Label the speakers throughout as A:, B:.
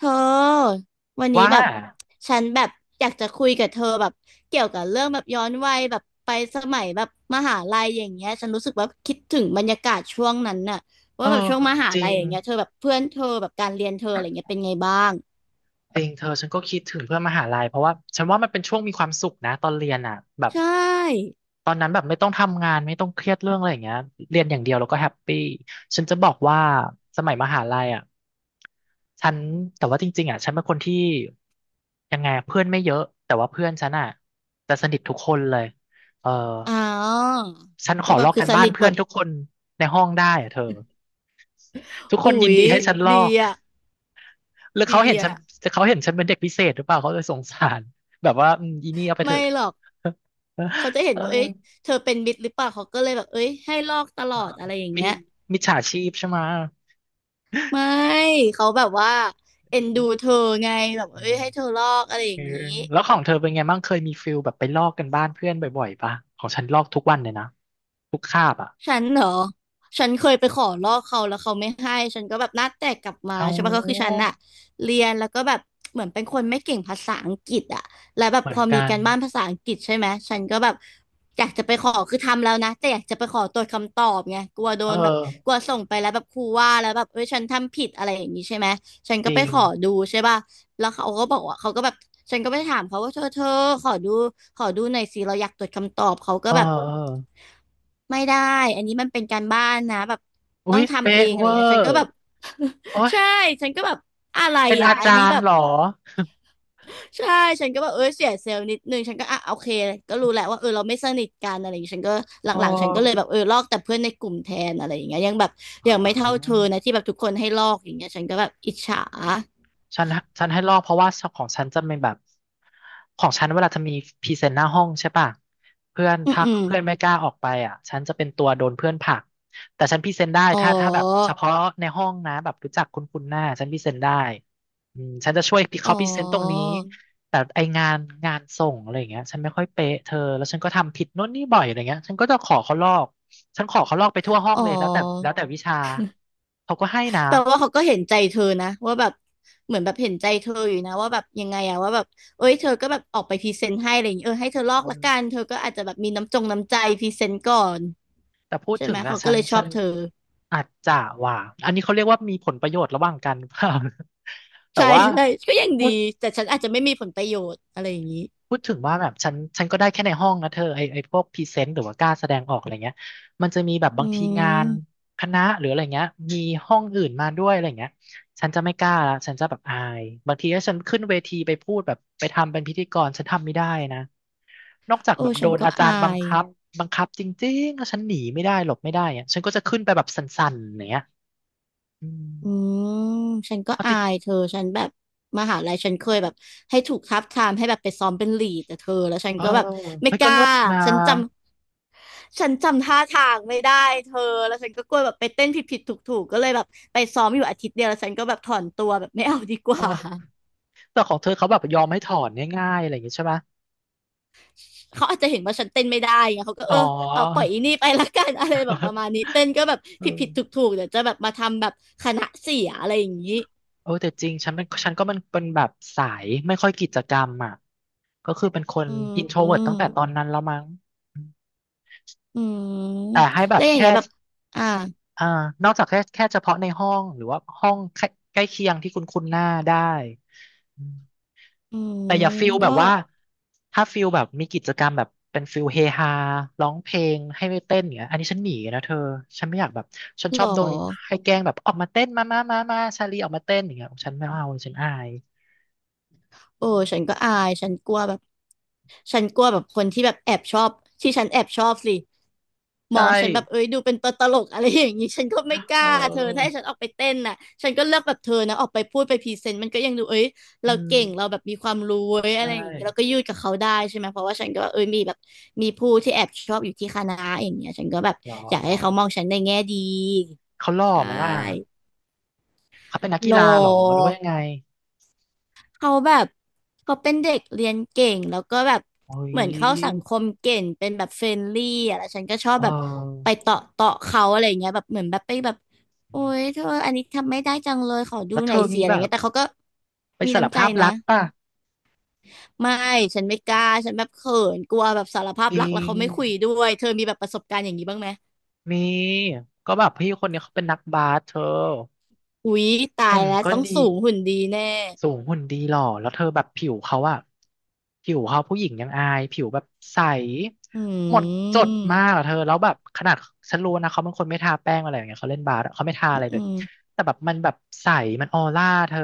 A: เธอวันนี้
B: ว่า
A: แบบฉันแบบอยากจะคุยกับเธอแบบเกี่ยวกับเรื่องแบบย้อนวัยแบบไปสมัยแบบมหาลัยอย่างเงี้ยฉันรู้สึกว่าคิดถึงบรรยากาศช่วงนั้นน่ะ
B: เอ
A: ว่า
B: อ
A: แบบช่วงมหา
B: จริ
A: ลัย
B: ง
A: อย่างเงี้ยเธอแบบเพื่อนเธอแบบการเรียนเธออะไรเงี้ยเป็นไงบ้าง
B: จริงเธอฉันก็คิดถึงเพื่อนมหาลัยเพราะว่าว่ามันเป็นช่วงมีความสุขนะตอนเรียนอ่ะแบบ
A: ใช่
B: ตอนนั้นแบบไม่ต้องทำงานไม่ต้องเครียดเรื่องอะไรอย่างเงี้ยเรียนอย่างเดียวแล้วก็แฮปปี้ฉันจะบอกว่าสมัยมหาลัยอ่ะฉันแต่ว่าจริงๆอ่ะฉันเป็นคนที่ยังไงอะเพื่อนไม่เยอะแต่ว่าเพื่อนฉันอ่ะจะสนิททุกคนเลยเออ
A: อ๋อ
B: ฉันข
A: ก็
B: อ
A: แบ
B: ล
A: บ
B: อก
A: คื
B: กั
A: อ
B: น
A: ส
B: บ้าน
A: นิทห
B: เพื่
A: ม
B: อน
A: ด
B: ทุกคนในห้องได้อ่ะเธอทุกค
A: อุ๊
B: นยิน
A: ย
B: ดีให้ฉันลอ
A: ดี
B: ก
A: อ่ะ
B: หรือ
A: ดีอ่ะ
B: เขาเห็นฉันเป็นเด็กพิเศษหรือเปล่าเขาเลยสงสารแบบว่าอืมอีนี่เอาไปเถ
A: ไม่
B: อะ
A: หรอกเขาจะ เห็
B: เอ
A: น
B: อ
A: ว่าเอ้ยเธอเป็นมิตรหรือเปล่าเขาก็เลยแบบเอ้ยให้ลอกตลอ
B: อ่า
A: ดอะไรอย่าง
B: มิจ
A: เงี้ย
B: มิจฉาชีพใช่ไหม
A: ไม่เขาแบบว่าเอ็นดูเธอไงแบบ
B: อื
A: เอ้ย
B: ม
A: ให้เธอลอกอะไรอ
B: เอ
A: ย่า
B: อ
A: งนี้
B: แล้วของเธอเป็นไงบ้างเคยมีฟิลแบบไปลอกกันบ้านเพื่อนบ่อยๆปะของฉันลอกทุกวันเลยนะทุกคาบอ่ะ
A: ฉันเหรอฉันเคยไปขอลอกเขาแล้วเขาไม่ให้ฉันก็แบบหน้าแตกกลับมา
B: เอ
A: ใช่ปะก็คือฉัน
B: า
A: อะเรียนแล้วก็แบบเหมือนเป็นคนไม่เก่งภาษาอังกฤษอะแล้วแบบ
B: เหมื
A: พ
B: อน
A: อมี
B: กัน
A: การบ้านภาษาอังกฤษใช่ไหมฉันก็แบบอยากจะไปขอคือทำแล้วนะแต่อยากจะไปขอตรวจคำตอบไงกลัวโด
B: เออ
A: นแบบกลัวส่งไปแล้วแบบครูว่าแล้วแบบเอ้ยฉันทำผิดอะไรอย่างนี้ใช่ไหมฉัน
B: จ
A: ก็ไป
B: ริง
A: ขอดูใช่ปะ แล้วเขาก็บอกว่าเขาก็แบบฉันก็ไปถามเขาว่าเธอขอดูขอดูหน่อยสิเราอยากตรวจคำตอบเขาก็
B: เออ
A: แบบ
B: เออ
A: ไม่ได้อันนี้มันเป็นการบ้านนะแบบ
B: อุ๊
A: ต้อง
B: ย
A: ทำเอ
B: เป๊ะ
A: งอะ
B: เว
A: ไร
B: อ
A: เงี้ยฉันก็
B: ร์
A: แบบ
B: โอ๊ ย
A: ใช่ฉันก็แบบอะไร
B: เป็น
A: อ่ะ
B: อา
A: อัน
B: จา
A: นี้
B: ร
A: แบ
B: ย์
A: บ
B: เหรอ
A: ใช่ฉันก็แบบเออเสียเซลล์นิดนึงฉันก็อ่ะโอเคก็รู้แหละว่าเออเราไม่สนิทกันอะไรอย่างเงี้ยฉันก็ห
B: อ๋อ
A: ลังๆฉันก็เลยแบบเออลอกแต่เพื่อนในกลุ่มแทนอะไรอย่างเงี้ยยังแบบ
B: อ๋อ
A: ยังไม่เท่าเธอนะที่แบบทุกคนให้ลอกอย่างเงี้ยฉันก็แบบอิจฉา
B: ฉันฉันให้ลอกเพราะว่าของฉันจะเป็นแบบของฉันเวลาจะมีพรีเซนต์หน้าห้องใช่ป่ะเพื่อน
A: อืม
B: ถ้า
A: อืม
B: เพื่อนไม่กล้าออกไปอ่ะฉันจะเป็นตัวโดนเพื่อนผลักแต่ฉันพรีเซนต์ได้
A: อ๋
B: ถ้าแบบเฉ
A: อ
B: พาะในห้องนะแบบรู้จักคุ้นคุ้นหน้าฉันพรีเซนต์ได้อืมฉันจะช่วย
A: อ๋อ
B: เขาพรีเซนต์ตรงนี้แต่ไองานส่งอะไรอย่างเงี้ยฉันไม่ค่อยเป๊ะเธอแล้วฉันก็ทำผิดโน่นนี่บ่อยอะไรเงี้ยฉันก็จะขอเขาลอกฉันขอเขาลอกไปทั่วห้อง
A: อ๋
B: เลย
A: อ
B: แล้วแต่วิชาเขาก็ให้นะ
A: แต่ว่าเขาก็เห็นใจเธอนะว่าแบบเหมือนแบบเห็นใจเธออยู่นะว่าแบบยังไงอะว่าแบบเอ้ยเธอก็แบบออกไปพรีเซนต์ให้อะไรอย่างเงี้ยเออให้เธอลอ
B: เอ
A: กละ
B: อ
A: กันเธอก็อาจจะแบบมีน้ำจงน้ำใจพรีเซนต์ก่อน
B: แต่พูด
A: ใช่
B: ถึ
A: ไหม
B: งอะ
A: เขาก็
B: ฉัน
A: เลยชอ
B: ฉั
A: บ
B: น
A: เธอ
B: อาจจะว่าอันนี้เขาเรียกว่ามีผลประโยชน์ระหว่างกันเปล่า แต่
A: ใช่
B: ว่า
A: ใช่ก็ยัง
B: พู
A: ดี
B: ด
A: แต่ฉันอาจจะไม่มีผลประโยชน์อะไรอย่างนี้
B: พูดถึงว่าแบบฉันก็ได้แค่ในห้องนะเธอไอพวกพรีเซนต์หรือว่ากล้าแสดงออกอะไรเงี้ยมันจะมีแบบ
A: อื
B: บางทีงาน
A: ม
B: คณะหรืออะไรเงี้ยมีห้องอื่นมาด้วยอะไรเงี้ยฉันจะไม่กล้าละฉันจะแบบอายมันขึ้นไปพูดแบบไปทำเป็นพิธีกรฉันทำไม่ได้นะนอกจาก
A: โอ้
B: แบบโด
A: ฉัน
B: น
A: ก็
B: อาจา
A: อา
B: รย์บัง
A: ย
B: คับบังคับจริงๆแล้วฉันหนีไม่ได้หลบไม่ได้อะฉันก็จะขึ้นไปแบบสั่นๆอย่างเนี้ย อืม
A: อืมฉันก็
B: เอาจ
A: อา
B: ริง
A: ยเธอฉันแบบมหาลัยฉันเคยแบบให้ถูกทับทามให้แบบไปซ้อมเป็นลีดแต่เธอแล้วฉัน
B: เออ
A: ก็แบบไม่
B: เฮ้ย
A: ก
B: ก็
A: ล้า
B: เลิศนะ
A: ฉันจฉันจำท่าทางไม่ได้เธอแล้วฉันก็กลัวแบบไปเต้นผิดผิดถูกถูกๆก็เลยแบบไปซ้อมอยู่อาทิตย์เดียวแล้วฉันก็แบบถอนตัวแบบไม่เอาดีก
B: เอ
A: ว่า
B: อแต่ของเธอเขาแบบยอมให้ถอนง่ายๆอะไรอย่างงี้ใช่ไหม
A: เขาอาจจะเห็นว่าฉันเต้นไม่ได้ไงเขาก็
B: อ๋
A: เอ
B: อ
A: อเอาปล่อยอีนี่ไปละกัน อะไรแบบประ มาณนี้เต้นก็แบบ
B: เอ
A: ผิด
B: อ
A: ผิดถูกถูกๆเดี๋ยวจะแบบมาทำแบบคณะเสียอะไรอย่างนี้
B: เออแต่จริงฉันเป็นฉันก็มันเป็นแบบสายไม่ค่อยกิจกรรมอ่ะก็คือเป็นคน
A: อื
B: อินโทรเวิร์ตตั้งแต่ตอ
A: ม
B: นนั้นแล้วมั้งอืม
A: อืม
B: แต่ให้แบ
A: แล้
B: บ
A: วอย่าง
B: แค่
A: เงี้ยแบบอ่า
B: อ่านอกจากแค่เฉพาะในห้องหรือว่าห้องใกล้ใกล้เคียงที่คุณคุ้นหน้าได้อืม
A: อื
B: แต่อ
A: ม
B: ย่าฟิลแบ
A: ก็
B: บว่าถ้าฟิลแบบมีกิจกรรมแบบเป็นฟิลเฮฮาร้องเพลงให้ไปเต้นอย่างเงี้ยอันนี้ฉันหนีนะเธอฉันไม่อยากแบบฉัน
A: ห
B: ช
A: ร
B: อ
A: อ
B: บโดนให้แกล้งแบบออกมาเต้นมาชาลีออกมาเต้นอย่างเงี้ยฉันไม่เอาฉันอาย
A: โอ้ฉันก็อายฉันกลัวแบบฉันกลัวแบบคนที่แบบแอบชอบที่ฉันแอบชอบสิมอ
B: ใช่
A: งฉันแบบเอ้ยดูเป็นตัวตลกอะไรอย่างงี้ฉันก็ไม่ก
B: เ
A: ล้าเธอถ้าให้
B: ออ
A: ฉันออกไปเต้นน่ะฉันก็เลือกแบบเธอนะออกไปพูดไปพรีเซนต์มันก็ยังดูเอ้ย
B: อื
A: เราเก่งเรา
B: ม
A: แบบมีความรู้เว้ย
B: ใช
A: อะไรอย่างงี้เราก็
B: ่
A: ยืดกับเขาได้ใช่ไหมเพราะว่าฉันก็เอ้ยมีแบบมีผู้ที่แอบชอบอยู่ที่คณะอย่างเงี้ยฉันก็แบบ
B: หรอ
A: อยากให้เขามองฉันในแง่ดี
B: เขาหล่อ
A: ใช
B: ไหมล่ะ
A: ่
B: เขาเป็นนักกี
A: โล
B: ฬาหรอหรือว่ายังไง
A: เขาแบบเขาเป็นเด็กเรียนเก่งแล้วก็แบบ
B: โอ้ย
A: เหมือนเข้าสังคมเก่งเป็นแบบเฟรนลี่อะแล้วฉันก็ชอบ
B: เอ
A: แบบ
B: อ
A: ไปเตาะเตาะเขาอะไรอย่างเงี้ยแบบเหมือนแบบไปแบบโอ๊ยเธออันนี้ทำไม่ได้จังเลยขอดู
B: แล้ว
A: ห
B: เธ
A: น่อ
B: อ
A: ยสิ
B: มี
A: อะไร
B: แบบ
A: เงี้ยแต่เขาก็
B: ไป
A: มี
B: สาร
A: น้ำใจ
B: ภาพ
A: นะ
B: รักป่ะ
A: ไม่ฉันไม่กล้าฉันแบบเขินกลัวแบบสารภาพ
B: จริ
A: รักแล้ว
B: ง
A: เขาไม่คุยด้วยเธอมีแบบประสบการณ์อย่างนี้บ้างไหม
B: มีก็แบบพี่คนนี้เขาเป็นนักบาสเธอ
A: อุ๊ยตาย
B: หุ่น
A: แล้ว
B: ก็
A: ต้อง
B: ดี
A: สูงหุ่นดีแน่
B: สูงหุ่นดีหล่อแล้วเธอแบบผิวเขาอะผิวเขาผู้หญิงยังอายผิวแบบใส
A: อื
B: หมดจดมาก
A: ม
B: อะเธอแล้วแบบขนาดฉันรู้นะเขาเป็นคนไม่ทาแป้งอะไรอย่างเงี้ยเขาเล่นบาสอะเขาไม่ทา
A: อ
B: อะไรเล
A: ื
B: ย
A: ม
B: แต่แบบใสมันออร่าเธอ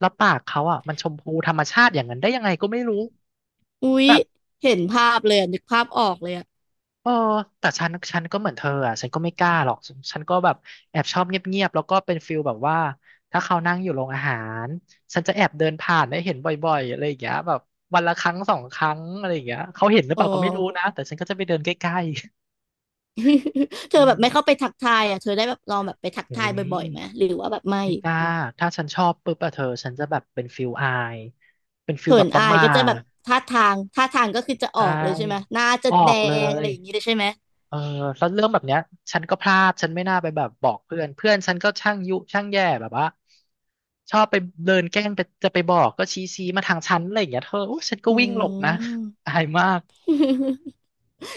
B: แล้วปากเขาอะมันชมพูธรรมชาติอย่างนั้นได้ยังไงก็ไม่รู้
A: อุ๊ยเห็นภาพเลยอะนึกภาพออกเลยอ่ะ
B: เออแต่ฉันก็เหมือนเธออ่ะฉันก็ไม่กล้าหรอกฉันก็แบบแอบชอบเงียบๆแล้วก็เป็นฟิลแบบว่าถ้าเขานั่งอยู่โรงอาหารฉันจะแอบเดินผ่านได้เห็นบ่อยๆอะไรอย่างเงี้ยแบบวันละครั้งสองครั้งอะไรอย่างเงี้ยเขาเห็นหรือเป
A: อ๋อ
B: ล่าก็ไม่รู้นะแต่ฉันก็จะไปเดินใกล้ ๆ
A: เธอ
B: อื
A: แบ
B: ม
A: บไม่เข้าไปทักทายอ่ะเธอได้แบบลองแบบไปทัก
B: โอ้
A: ทาย
B: ย
A: บ่อยๆไหมหรือว่าแบบไม่
B: ไม่กล้า ถ้าฉันชอบปุ๊บอะเธอฉันจะแบบเป็นฟิลอายเป็นฟิล
A: เขิ
B: แบ
A: น
B: บประ
A: อา
B: ห
A: ย
B: มา
A: ก็จะแบบ
B: ท
A: ท่าทางก็คือจะ
B: ใช
A: ออกเลยใช่ไหม
B: ่
A: หน้าจะ
B: ออ
A: แด
B: กเล
A: งอะ
B: ย
A: ไรอย่างนี้เลยใช่ไหม
B: เออแล้วเรื่องแบบเนี้ยฉันก็พลาดฉันไม่น่าไปแบบบอกเพื่อนเพื่อนฉันก็ช่างยุช่างแย่แบบว่าชอบไปเดินแกล้งไปจะไปบอกก็ชี้มาทางฉันอะไรอย่างเงี้ยเธอโอ้ฉันก็
A: อื
B: วิ่งหลบนะ
A: ม
B: อายมาก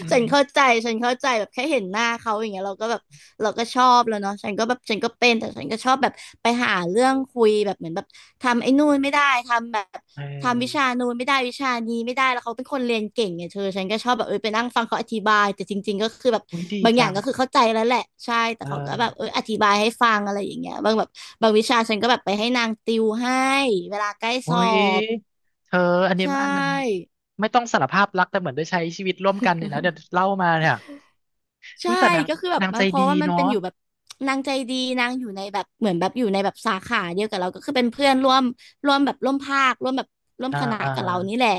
B: อื
A: ฉันเข้า
B: ม
A: ใจฉันเข้าใจแบบแค่เห็นหน้าเขาอย่างเงี้ยเราก็แบบเราก็ชอบแล้วเนาะฉันก็แบบฉันก็เป็น แต่ฉันก็ชอบแบบไปหาเรื่องคุยแบบเหมือนแบบทำไอ้นู่นไม่ได้ ทำแบบ
B: เอ
A: ทำวิชา
B: อ
A: นู่นไม่ได้วิชานี้ไม่ได้แล้วเขาเป็นคนเรียนเก่งไงเธอฉันก็ชอบแบบไปนั่งฟังเขาอธิบายแต่จริงๆก็คือแบบ
B: อุ้ยดี
A: บางอย่า
B: จั
A: ง
B: ง
A: ก็คือเข้าใจแล้วแหละใช่แต่
B: เอ
A: เขาก็แบบ
B: อ
A: อธิบายให้ฟังอะไรอย่างเงี้ยบางแบบบางวิชาฉันก็แบบไปให้นางติวให้เวลาใกล้ส
B: อุ้
A: อ
B: ย
A: บ
B: เธออันนี้
A: ใช่
B: อันมันไม่ต้องสารภาพรักแต่เหมือนได้ใช้ชีวิตร่วมกันเนี่ยนะเดี๋ยวเล่ามาเนี่ยอุ้
A: ใช่
B: ยแต่นาง
A: ก็คือแบบ
B: นางใจ
A: มาเพ
B: ดี
A: ราะว่ามัน
B: เนาะ
A: เป็นอยู่แบบนางใจดีนางอยู่ในแบบเหมือนแบบอยู่ในแบบสาขาเดียวกับเราก็คือเป็นเพื่อนร่วมแบบร่วมภาคร่วมแบบร่วม
B: อ่า
A: คณะ
B: อ่า
A: กับเรานี่แหละ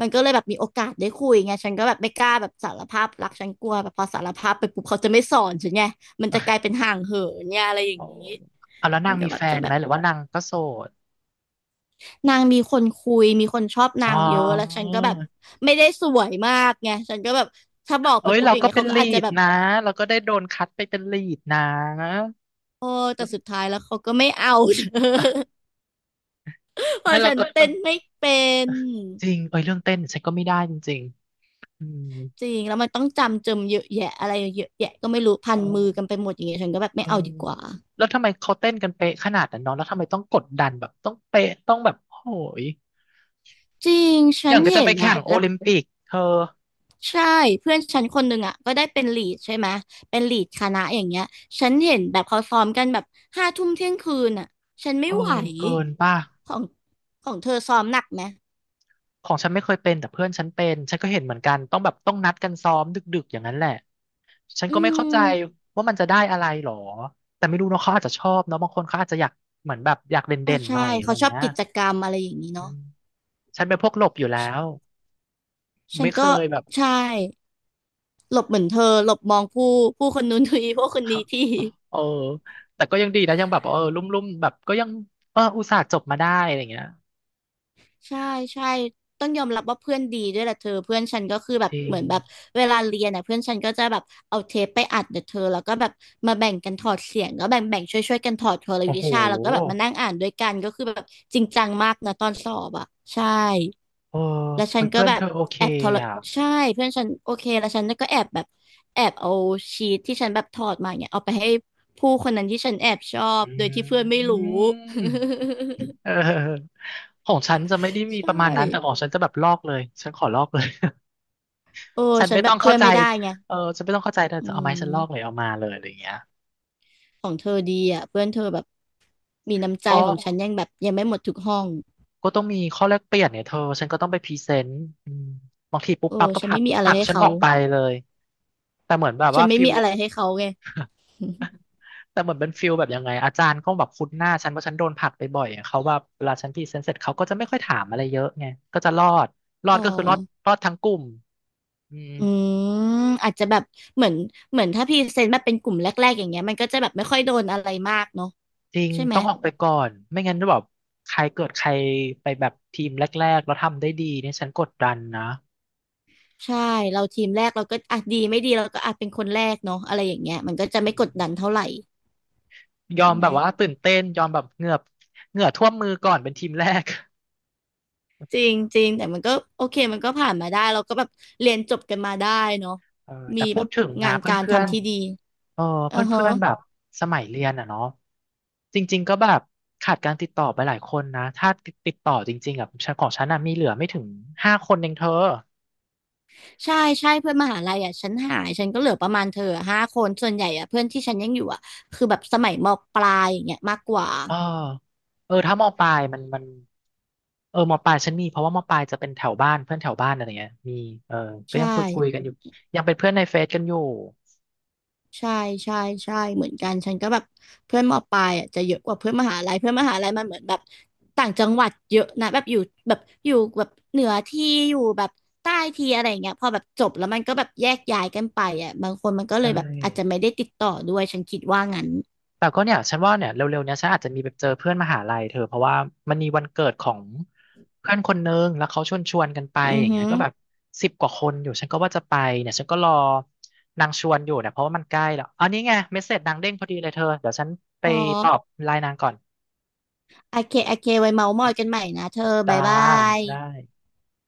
A: มันก็เลยแบบมีโอกาสได้คุยไงฉันก็แบบไม่กล้าแบบสารภาพรักฉันกลัวแบบพอสารภาพไปปุ๊บเขาจะไม่สอนฉันไงมันจะกลายเป็นห่างเหินเนี่ยอะไรอย่า
B: โอ้
A: งนี้
B: เอาแล้ว
A: มั
B: นา
A: น
B: ง
A: ก็
B: มี
A: แบบ
B: แฟ
A: จะ
B: น
A: แบ
B: ไหม
A: บ
B: หรือว่านางก็โสด
A: นางมีคนคุยมีคนชอบ
B: อ๋
A: นา
B: อ
A: งเยอะแล้วฉันก็แบบไม่ได้สวยมากไงฉันก็แบบถ้าบอก
B: เอ้
A: ไป
B: ย
A: ปุ๊บ
B: เรา
A: อย่าง
B: ก็
A: เงี้ย
B: เป็น
A: เขาก็
B: ลี
A: อาจจะ
B: ด
A: แบบ
B: นะเราก็ได้โดนคัดไปเป็นลีดนะ
A: โอ้แต่สุดท้ายแล้วเขาก็ไม่เอา เธอ เพ
B: ไม่
A: ราะ
B: เรา
A: ฉัน
B: ก็
A: เต้
B: ต้อง
A: นไม่เป็น
B: จริงเอ้ยเรื่องเต้นฉันก็ไม่ได้จริงๆอืม
A: จริงแล้วมันต้องจำเยอะแยะอะไรเยอะแยะก็ไม่รู้พั
B: เอ
A: นมือกัน
B: อ
A: ไปหมดอย่างเงี้ยฉันก็แบบ
B: เอ
A: ไม่
B: อ
A: เอาดีกว่า
B: แล้วทำไมเขาเต้นกันเป๊ะขนาดนั้นเน้องแล้วทำไมต้องกดดันแบบต้องเป๊ะต้องแบบโหย
A: จริง
B: อ
A: ฉั
B: ย่า
A: น
B: งก็จะ
A: เห็
B: ไป
A: น
B: แข่
A: อะ
B: งโอ
A: แล้ว
B: ลิมปิกเธอ
A: ใช่เพื่อนฉันคนหนึ่งอะก็ได้เป็นลีดใช่ไหมเป็นลีดคณะอย่างเงี้ยฉันเห็นแบบเขาซ้อมกันแบบห้าทุ่มเที่ยงคืนอะฉันไม่
B: เออ
A: ไหว
B: เกินป่ะ
A: ของของเธอซ้อมหนักไหม
B: ของฉันไม่เคยเป็นแต่เพื่อนฉันเป็นฉันก็เห็นเหมือนกันต้องแบบต้องนัดกันซ้อมดึกๆอย่างนั้นแหละ ฉัน
A: อื
B: ก็ไม่เข้าใจ
A: ม
B: ว่ามันจะได้อะไรหรอแต่ไม่รู้เนาะเขาอาจจะชอบเนาะบางคนเขาอาจจะอยากเหมือนแบบอยาก
A: อ่า
B: เด่นๆห
A: ใช่
B: น่อยอะไร
A: เขา
B: อ
A: ช
B: ย่าง
A: อบ
B: เงี้ย
A: กิจกรรมอะไรอย่างนี้
B: อื
A: เนาะ
B: มฉันเป็นพวกหลบอยู่แล้
A: ฉ
B: ว
A: ฉัน
B: ไม่เค
A: ก็
B: ยแบบ
A: ใช่ หลบเหมือนเธอหลบมองผู้คนนู้นที ผู้คนนี้ ที
B: เออแต่ก็ยังดีนะยังแบบเออลุ่มๆแบบก็ยังเอออุตส่าห์จบมาได้อะไรอย่างเงี้ย
A: ใช่ใช่ต้องยอมรับว่าเพื่อนดีด้วยแหละเธอเพื่อนฉันก็คือแบ
B: จ
A: บ
B: ริ
A: เห
B: ง
A: มือนแบบเวลาเรียนน่ะเพื่อนฉันก็จะแบบเอาเทปไปอัดเดี๋ยวเธอแล้วก็แบบมาแบ่งกันถอดเสียงก็แบ่งช่วยกันถอดเทอละ
B: โอ้
A: วิ
B: โห
A: ชาแล้วก็แบบมานั่งอ่านด้วยกันก็คือแบบจริงจังมากนะตอนสอบอ่ะใช่
B: เออ
A: แล้วฉั
B: เฮ้
A: น
B: ย
A: ก็
B: เพื่อน
A: แบ
B: เธ
A: บ
B: อโอเค
A: แอบทร
B: อ่ะ
A: ใช่เพื่อนฉันโอเคแล้วฉันก็แอบแบบแอบเอาชีทที่ฉันแบบถอดมาเนี่ยเอาไปให้ผู้คนนั้นที่ฉันแอบชอบ
B: อื
A: โดยที่เพื่อนไม่รู้
B: ม เออของฉันจะไม่ได้ มี
A: ใช
B: ประมาณ
A: ่
B: นั้นแต่ของฉันจะแบบลอกเลยฉันขอลอกเลย
A: โอ้
B: ฉัน
A: ฉัน
B: ไม่
A: แบ
B: ต้อ
A: บ
B: ง
A: เพื่
B: เข้า
A: อน
B: ใจ
A: ไม่ได้ไง
B: เออฉันไม่ต้องเข้าใจเธอ
A: อื
B: จะเอาไม้ฉันลอกเลย
A: ม
B: เอามาเลยอะไรอย่างเงี้ย
A: เธอดีอ่ะเพื่อนเธอแบบมีน้ำใจ
B: ก็
A: ของฉันยังแบบยังไม่หมดทุกห้อง
B: ก็ต้องมีข้อแลกเปลี่ยนเนี่ยเธอฉันก็ต้องไปพรีเซนต์อืมบางทีปุ๊บ
A: โอ้
B: ปั๊บก็
A: ฉั
B: ผ
A: น
B: ลั
A: ไม่
B: ก
A: มีอะ
B: ผ
A: ไร
B: ลัก
A: ให้
B: ฉัน
A: เขา
B: ออกไปเลย แต่เหมือนแบบ
A: ฉั
B: ว่า
A: นไม่
B: ฟิ
A: มี
B: ล
A: อะไรให้เขาไง
B: แต่เหมือนเป็นฟิลแบบยังไงอาจารย์ก็แบบคุ้นหน้าฉันเพราะฉันโดนผลักไปบ่อยอะเขาแบบเวลาฉันพรีเซนต์เสร็จเขาก็จะไม่ค่อยถามอะไรเยอะไงก็จะรอดรอ
A: อ๋
B: ด
A: อ
B: ก็คือรอดรอดทั้งกลุ่มอืม
A: อืมอาจจะแบบเหมือนเหมือนถ้าพรีเซนต์แบบเป็นกลุ่มแรกๆอย่างเงี้ยมันก็จะแบบไม่ค่อยโดนอะไรมากเนาะ
B: จริง
A: ใช่ไหม
B: ต้องออกไปก่อนไม่งั้นจะแบบใครเกิดใครไปแบบทีมแรกๆแล้วทำได้ดีเนี่ยฉันกดดันนะ
A: ใช่เราทีมแรกเราก็อ่ะดีไม่ดีเราก็อาจเป็นคนแรกเนาะอะไรอย่างเงี้ยมันก็จะไม่กดดันเท่าไหร่
B: ยอ
A: ใช่
B: ม
A: ไหม
B: แบบว่าตื่นเต้นยอมแบบเหงือบเหงื่อท่วมมือก่อนเป็นทีมแรก
A: จริงจริงแต่มันก็โอเคมันก็ผ่านมาได้เราก็แบบเรียนจบกันมาได้เนาะ
B: เออแต่
A: มี
B: พู
A: แบ
B: ด
A: บ
B: ถึงนะ
A: งาน
B: เพ
A: การ
B: ื่อน
A: ทำที่ดี
B: ๆเออเพ
A: อือฮะ
B: ื่อนๆแบบสมัยเรียนอ่ะเนาะจริงๆก็แบบขาดการติดต่อไปหลายคนนะถ้าติดต่อจริงๆอ่ะฉันของฉันน่ะมีเหลือไม่ถึงห้าคนเองเธอ
A: ใช่ใช่เพื่อนมหาลัยอ่ะฉันหายฉันก็เหลือประมาณเธออะห้าคนส่วนใหญ่อ่ะเพื่อนที่ฉันยังอยู่อ่ะคือแบบสมัยมปลายอย่างเงี้ยมากกว่า
B: เออเออถ้ามอปลายมันมันเออมอปลายฉันมีเพราะว่ามอปลายจะเป็นแถวบ้านเพื่อนแถวบ้านอะไรเงี้ยมีเออก็
A: ใช่
B: ยังคุยกันอยู่ยังเป็นเพื่อนในเฟซกันอยู่
A: ใช่ใช่ใช่เหมือนกันฉันก็แบบเพื่อนมปลายอ่ะจะเยอะกว่าเพื่อนมหาลัยเพื่อนมหาลัยมันเหมือนแบบต่างจังหวัดเยอะนะแบบอยู่แบบอยู่แบบเหนือที่อยู่แบบใต้ที่อะไรอย่างเงี้ยพอแบบจบแล้วมันก็แบบแยกย้ายกันไปอ่ะบางคนมันก็เล
B: ใช่
A: ยแบบอาจจะไม่ได้ติดต่อด้วยฉันคิดว่างั้น
B: แต่ก็เนี่ยฉันว่าเนี่ยเร็วๆเนี้ยฉันอาจจะมีไปเจอเพื่อนมหาลัยเธอเพราะว่ามันมีวันเกิดของเพื่อนคนนึงแล้วเขาชวนกันไป
A: อื
B: อ
A: อ
B: ย่าง
A: หื
B: เงี้ย
A: อ
B: ก็แบบสิบกว่าคนอยู่ฉันก็ว่าจะไปเนี่ยฉันก็รอนางชวนอยู่เนี่ยเพราะว่ามันใกล้แล้วอันนี้ไงเมสเสจนางเด้งพอดีเลยเธอเดี๋ยวฉันไป
A: อ๋อ
B: ตอบไลน์นางก่อน
A: โอเคโอเคไว้เมาท์มอยกันใหม่นะเธอ
B: จ้า
A: บ๊ายบาย
B: ได้